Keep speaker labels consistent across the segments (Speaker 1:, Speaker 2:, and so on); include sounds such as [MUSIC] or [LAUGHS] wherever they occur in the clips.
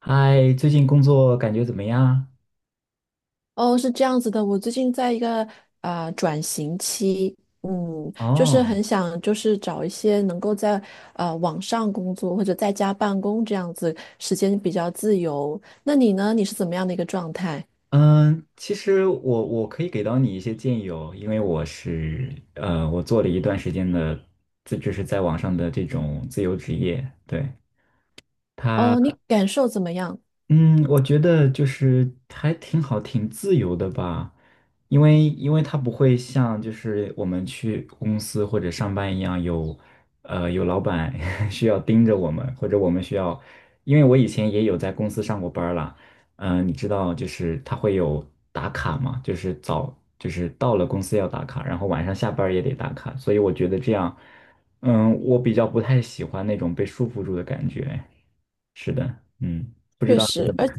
Speaker 1: 嗨，最近工作感觉怎么样？
Speaker 2: 哦，是这样子的，我最近在一个转型期，就是
Speaker 1: 哦，
Speaker 2: 很想找一些能够在网上工作或者在家办公这样子，时间比较自由。那你呢？你是怎么样的一个状态？
Speaker 1: 嗯，其实我可以给到你一些建议哦，因为我是我做了一段时间的，这就是在网上的这种自由职业，对，
Speaker 2: 哦，
Speaker 1: 它
Speaker 2: 你感受怎么样？
Speaker 1: 嗯，我觉得就是还挺好，挺自由的吧，因为它不会像就是我们去公司或者上班一样有，有老板 [LAUGHS] 需要盯着我们，或者我们需要，因为我以前也有在公司上过班了，你知道就是它会有打卡嘛，就是到了公司要打卡，然后晚上下班儿也得打卡，所以我觉得这样，我比较不太喜欢那种被束缚住的感觉。是的，不知
Speaker 2: 确
Speaker 1: 道你
Speaker 2: 实，
Speaker 1: 怎么看？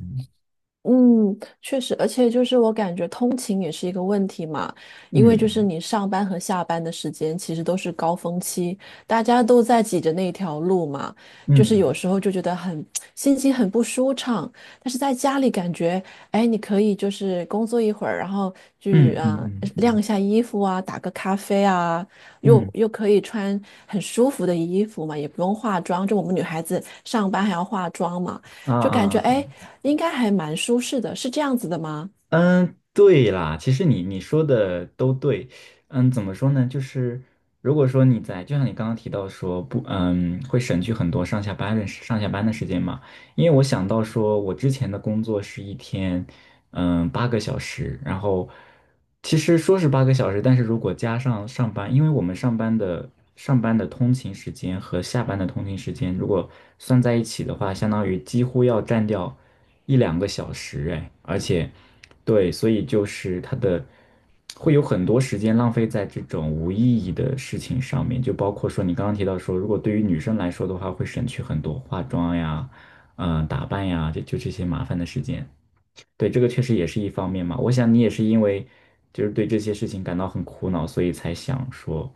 Speaker 2: 确实，而且就是我感觉通勤也是一个问题嘛，因为就是
Speaker 1: 嗯
Speaker 2: 你上班和下班的时间其实都是高峰期，大家都在挤着那条路嘛，就是有
Speaker 1: 嗯
Speaker 2: 时候就觉得很 [TSK] 心情很不舒畅，但是在家里感觉，哎，你可以就是工作一会儿，然后去
Speaker 1: 嗯嗯嗯嗯
Speaker 2: 晾
Speaker 1: 嗯
Speaker 2: 一下衣服啊，打个咖啡啊，又
Speaker 1: 嗯
Speaker 2: 又可以穿很舒服的衣服嘛，也不用化妆，就我们女孩子上班还要化妆嘛。
Speaker 1: 啊
Speaker 2: 就感觉
Speaker 1: 啊。
Speaker 2: 哎，诶应该还蛮舒适的，是这样子的吗？
Speaker 1: 嗯，对啦，其实你说的都对。怎么说呢？就是如果说你在，就像你刚刚提到说不，会省去很多上下班的时间嘛。因为我想到说，我之前的工作是一天，八个小时，然后其实说是八个小时，但是如果加上上班，因为我们上班的通勤时间和下班的通勤时间，如果算在一起的话，相当于几乎要占掉一两个小时，哎，而且。对，所以就是会有很多时间浪费在这种无意义的事情上面，就包括说你刚刚提到说，如果对于女生来说的话，会省去很多化妆呀、打扮呀，这些麻烦的时间。对，这个确实也是一方面嘛。我想你也是因为就是对这些事情感到很苦恼，所以才想说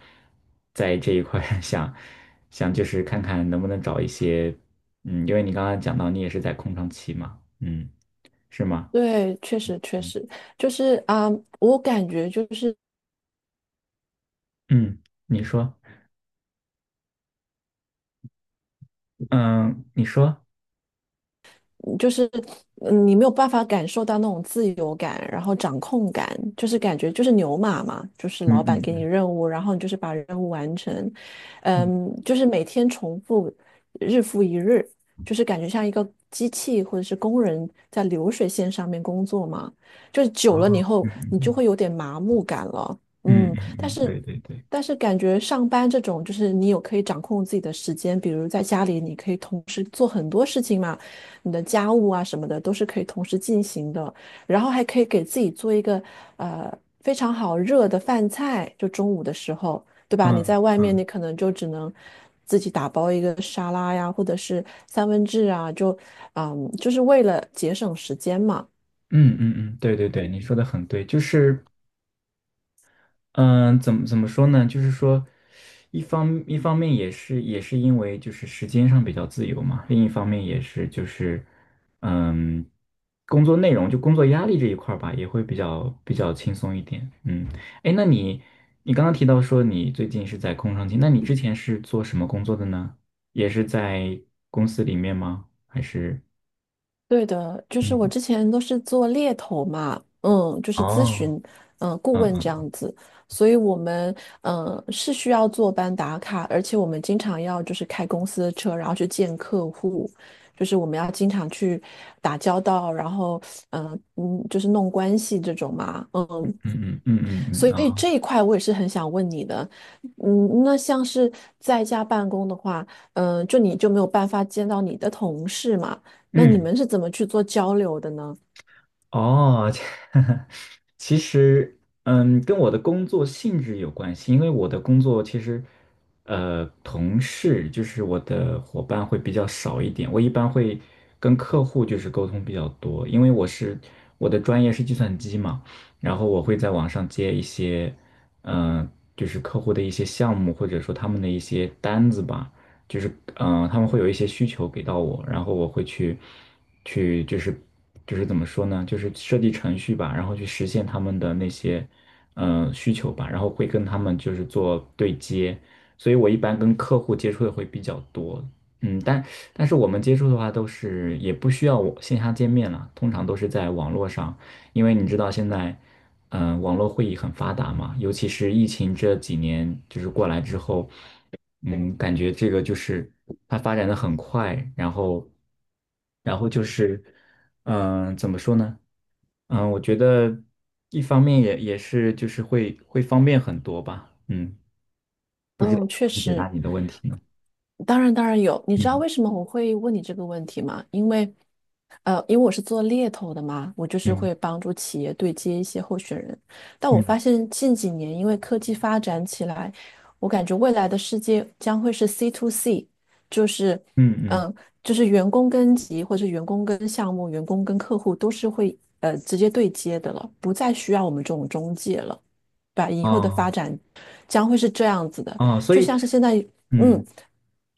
Speaker 1: 在这一块儿 [LAUGHS] 想想就是看看能不能找一些，因为你刚刚讲到你也是在空窗期嘛，嗯，是吗？
Speaker 2: 对，确实确实，就是我感觉就是
Speaker 1: 嗯，你说。嗯，你说，
Speaker 2: 就是你没有办法感受到那种自由感，然后掌控感，就是感觉就是牛马嘛，就是
Speaker 1: 嗯
Speaker 2: 老板
Speaker 1: 嗯
Speaker 2: 给你
Speaker 1: 嗯
Speaker 2: 任务，然后你就是把任务完成，
Speaker 1: 嗯，
Speaker 2: 就是每天重复，日复一日，就是感觉像一个机器或者是工人在流水线上面工作嘛，就是久
Speaker 1: 哦，
Speaker 2: 了以后
Speaker 1: 嗯
Speaker 2: 你就
Speaker 1: 嗯
Speaker 2: 会有点麻木感了，
Speaker 1: 嗯嗯
Speaker 2: 嗯，
Speaker 1: 嗯，
Speaker 2: 但
Speaker 1: 嗯
Speaker 2: 是。
Speaker 1: 对对对，
Speaker 2: 但是感觉上班这种，就是你有可以掌控自己的时间，比如在家里你可以同时做很多事情嘛，你的家务啊什么的都是可以同时进行的，然后还可以给自己做一个呃非常好热的饭菜，就中午的时候，对吧？你
Speaker 1: 嗯
Speaker 2: 在外面
Speaker 1: 嗯
Speaker 2: 你可能就只能自己打包一个沙拉呀，或者是三文治啊，就是为了节省时间嘛。
Speaker 1: 嗯嗯嗯，对对对，你说的很对，就是嗯，怎么说呢？就是说，一方面也是因为就是时间上比较自由嘛，另一方面也是就是，嗯，工作内容就工作压力这一块儿吧，也会比较轻松一点。嗯，哎，那你你刚刚提到说你最近是在空窗期，那你之前是做什么工作的呢？也是在公司里面吗？还是
Speaker 2: 对的，就是我
Speaker 1: 嗯，
Speaker 2: 之前都是做猎头嘛，就是咨
Speaker 1: 哦，
Speaker 2: 询，顾
Speaker 1: 嗯
Speaker 2: 问这
Speaker 1: 嗯
Speaker 2: 样子，所以我们是需要坐班打卡，而且我们经常要就是开公司的车，然后去见客户，就是我们要经常去打交道，然后就是弄关系这种嘛，
Speaker 1: 嗯嗯嗯嗯
Speaker 2: 所
Speaker 1: 嗯
Speaker 2: 以
Speaker 1: 啊，
Speaker 2: 这一块我也是很想问你的，那像是在家办公的话，就你就没有办法见到你的同事嘛？那你
Speaker 1: 嗯。
Speaker 2: 们是怎么去做交流的呢？
Speaker 1: 哦，这 [LAUGHS] 其实，跟我的工作性质有关系，因为我的工作其实，同事就是我的伙伴会比较少一点，我一般会跟客户就是沟通比较多，因为我的专业是计算机嘛，然后我会在网上接一些，嗯、就是客户的一些项目或者说他们的一些单子吧。就是他们会有一些需求给到我，然后我会去就是就是怎么说呢，就是设计程序吧，然后去实现他们的那些需求吧，然后会跟他们就是做对接，所以我一般跟客户接触的会比较多，嗯，但是我们接触的话都是也不需要我线下见面了，通常都是在网络上。因为你知道现在，网络会议很发达嘛，尤其是疫情这几年就是过来之后，感觉这个就是它发展的很快，然后，然后就是，怎么说呢？我觉得一方面也是就是会方便很多吧，嗯，不知道
Speaker 2: 嗯，
Speaker 1: 怎
Speaker 2: 确
Speaker 1: 么解答
Speaker 2: 实。
Speaker 1: 你的问题呢？
Speaker 2: 当然，当然有。你知道
Speaker 1: 嗯
Speaker 2: 为什么我会问你这个问题吗？因为，因为我是做猎头的嘛，我就是
Speaker 1: 嗯
Speaker 2: 会帮助企业对接一些候选人。但我
Speaker 1: 嗯
Speaker 2: 发现近几年，因为科技发展起来，我感觉未来的世界将会是 C to C,就是，
Speaker 1: 嗯嗯，
Speaker 2: 嗯、就是员工跟级或者员工跟项目、员工跟客户都是会直接对接的了，不再需要我们这种中介了，对吧以后的发
Speaker 1: 哦
Speaker 2: 展将会是这样子的，
Speaker 1: 哦，所
Speaker 2: 就
Speaker 1: 以
Speaker 2: 像是现在。
Speaker 1: 嗯
Speaker 2: 嗯，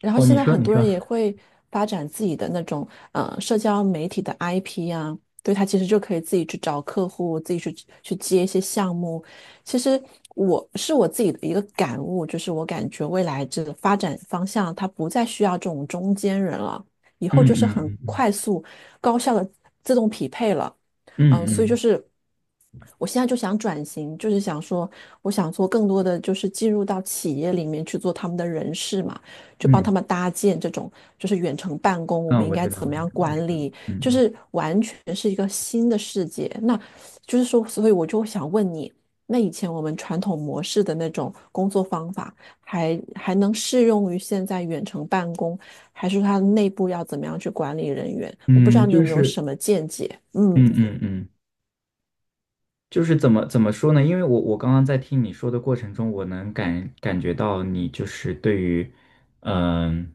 Speaker 2: 然后
Speaker 1: 哦，
Speaker 2: 现
Speaker 1: 你
Speaker 2: 在
Speaker 1: 说
Speaker 2: 很
Speaker 1: 你
Speaker 2: 多
Speaker 1: 说，
Speaker 2: 人也会发展自己的那种社交媒体的 IP 啊，对，他其实就可以自己去找客户，自己去接一些项目。其实我是我自己的一个感悟，就是我感觉未来这个发展方向，它不再需要这种中间人了，以后
Speaker 1: 嗯
Speaker 2: 就是
Speaker 1: 嗯
Speaker 2: 很
Speaker 1: 嗯嗯
Speaker 2: 快速、高效的自动匹配了。
Speaker 1: 嗯
Speaker 2: 所以就
Speaker 1: 嗯。
Speaker 2: 是我现在就想转型，就是想说，我想做更多的就是进入到企业里面去做他们的人事嘛，就帮他
Speaker 1: 嗯
Speaker 2: 们搭建这种就是远程办公，我们
Speaker 1: 嗯，
Speaker 2: 应
Speaker 1: 我
Speaker 2: 该
Speaker 1: 知道，
Speaker 2: 怎
Speaker 1: 我
Speaker 2: 么
Speaker 1: 知道，
Speaker 2: 样
Speaker 1: 我知
Speaker 2: 管
Speaker 1: 道，
Speaker 2: 理，就
Speaker 1: 嗯
Speaker 2: 是完全是一个新的世界。那就是说，所以我就想问你，那以前我们传统模式的那种工作方法还能适用于现在远程办公，还是它内部要怎么样去管理人员？我不知
Speaker 1: 嗯，
Speaker 2: 道你有
Speaker 1: 就
Speaker 2: 没有
Speaker 1: 是，
Speaker 2: 什么见解？嗯。
Speaker 1: 嗯嗯嗯。就是怎么说呢？因为我刚刚在听你说的过程中，我能感觉到你就是对于，嗯、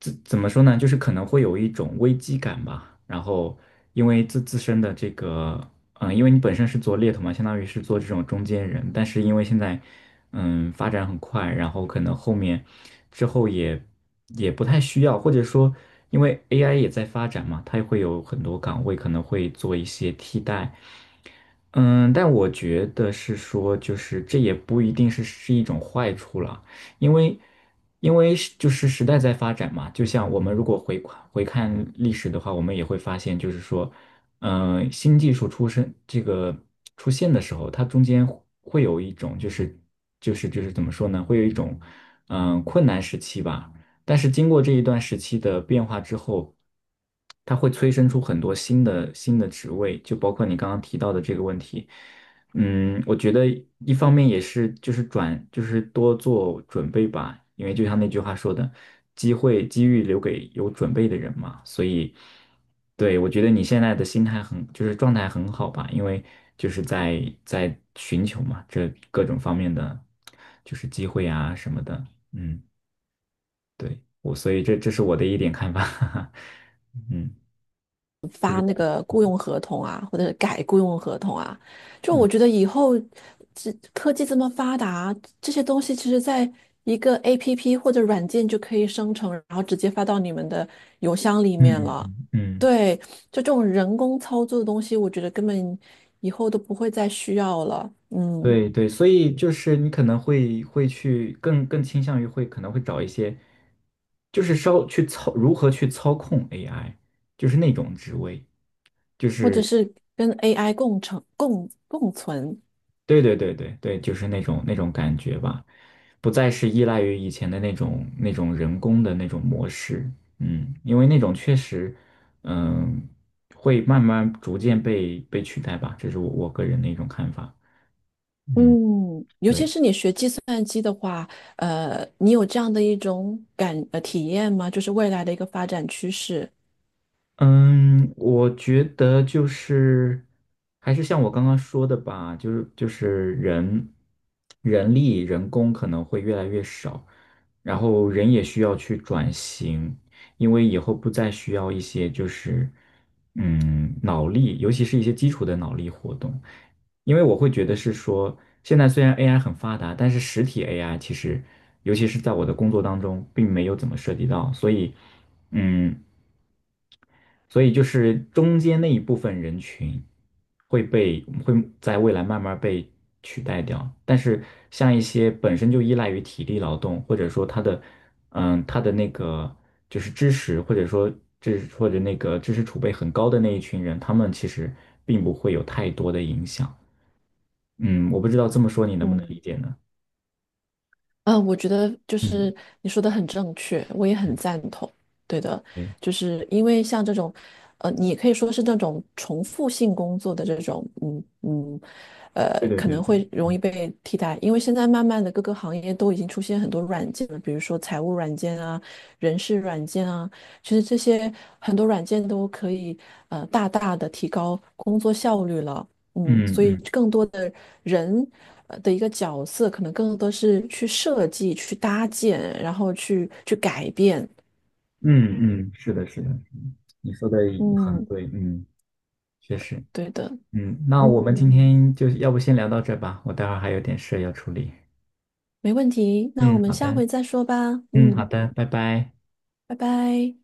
Speaker 1: 怎么说呢？就是可能会有一种危机感吧。然后因为自身的这个，因为你本身是做猎头嘛，相当于是做这种中间人，但是因为现在，发展很快，然后可能后面之后也不太需要，或者说因为 AI 也在发展嘛，它会有很多岗位可能会做一些替代。嗯，但我觉得是说，就是这也不一定是一种坏处了，因为就是时代在发展嘛，就像我们如果回看历史的话，我们也会发现，就是说，新技术出生这个出现的时候，它中间会有一种怎么说呢，会有一种困难时期吧。但是经过这一段时期的变化之后，它会催生出很多新的职位，就包括你刚刚提到的这个问题。我觉得一方面也是就是转就是多做准备吧，因为就像那句话说的，机会机遇留给有准备的人嘛。所以，对，我觉得你现在的心态很就是状态很好吧，因为就是在寻求嘛，这各种方面的就是机会啊什么的。嗯。对，我，所以这是我的一点看法。[LAUGHS] 嗯
Speaker 2: 发那个雇佣合同啊，或者是改雇佣合同啊。就我
Speaker 1: 嗯
Speaker 2: 觉得以后这科技这么发达，这些东西其实在一个 APP 或者软件就可以生成，然后直接发到你们的邮箱里
Speaker 1: 嗯
Speaker 2: 面
Speaker 1: 嗯
Speaker 2: 了。
Speaker 1: 嗯，嗯，
Speaker 2: 对，就这种人工操作的东西，我觉得根本以后都不会再需要了。嗯，
Speaker 1: 对对，所以就是你可能会去更倾向于会可能会找一些，就是稍去操如何去操控 AI，就是那种职位，就
Speaker 2: 或者
Speaker 1: 是
Speaker 2: 是跟 AI 共成、共共存。
Speaker 1: 对对对对对，就是那种感觉吧，不再是依赖于以前的那种人工的那种模式，因为那种确实，嗯，会慢慢逐渐被取代吧，这是我个人的一种看法，嗯，
Speaker 2: 嗯，尤其
Speaker 1: 对。
Speaker 2: 是你学计算机的话，你有这样的一种体验吗？就是未来的一个发展趋势。
Speaker 1: 嗯，我觉得就是还是像我刚刚说的吧，就是人力人工可能会越来越少，然后人也需要去转型，因为以后不再需要一些就是脑力，尤其是一些基础的脑力活动，因为我会觉得是说，现在虽然 AI 很发达，但是实体 AI 其实尤其是在我的工作当中并没有怎么涉及到，所以嗯。所以就是中间那一部分人群会在未来慢慢被取代掉，但是像一些本身就依赖于体力劳动，或者说他的那个就是知识或者说或者那个知识储备很高的那一群人，他们其实并不会有太多的影响。嗯，我不知道这么说你能不能理
Speaker 2: 嗯。
Speaker 1: 解呢？
Speaker 2: 嗯，我觉得就
Speaker 1: 嗯，
Speaker 2: 是你说的很正确，我也很赞同。对的，
Speaker 1: 对，
Speaker 2: 就是因为像这种，你也可以说是那种重复性工作的这种，
Speaker 1: 对对
Speaker 2: 可
Speaker 1: 对
Speaker 2: 能
Speaker 1: 对，
Speaker 2: 会容
Speaker 1: 嗯
Speaker 2: 易被替代。因为现在慢慢的各个行业都已经出现很多软件了，比如说财务软件啊、人事软件啊，其实这些很多软件都可以大大的提高工作效率了。
Speaker 1: 嗯
Speaker 2: 所以
Speaker 1: 嗯
Speaker 2: 更多的人的一个角色，可能更多是去设计、去搭建，然后去改变。
Speaker 1: 嗯嗯，是的，是的，是的你说的很
Speaker 2: 嗯，
Speaker 1: 对，嗯，确实。
Speaker 2: 对的，
Speaker 1: 那我们今
Speaker 2: 嗯，
Speaker 1: 天就要不先聊到这吧，我待会儿还有点事要处理。
Speaker 2: 没问题。那我
Speaker 1: 嗯，
Speaker 2: 们
Speaker 1: 好
Speaker 2: 下
Speaker 1: 的，
Speaker 2: 回再说吧。
Speaker 1: 嗯，好
Speaker 2: 嗯，
Speaker 1: 的，拜拜。
Speaker 2: 拜拜。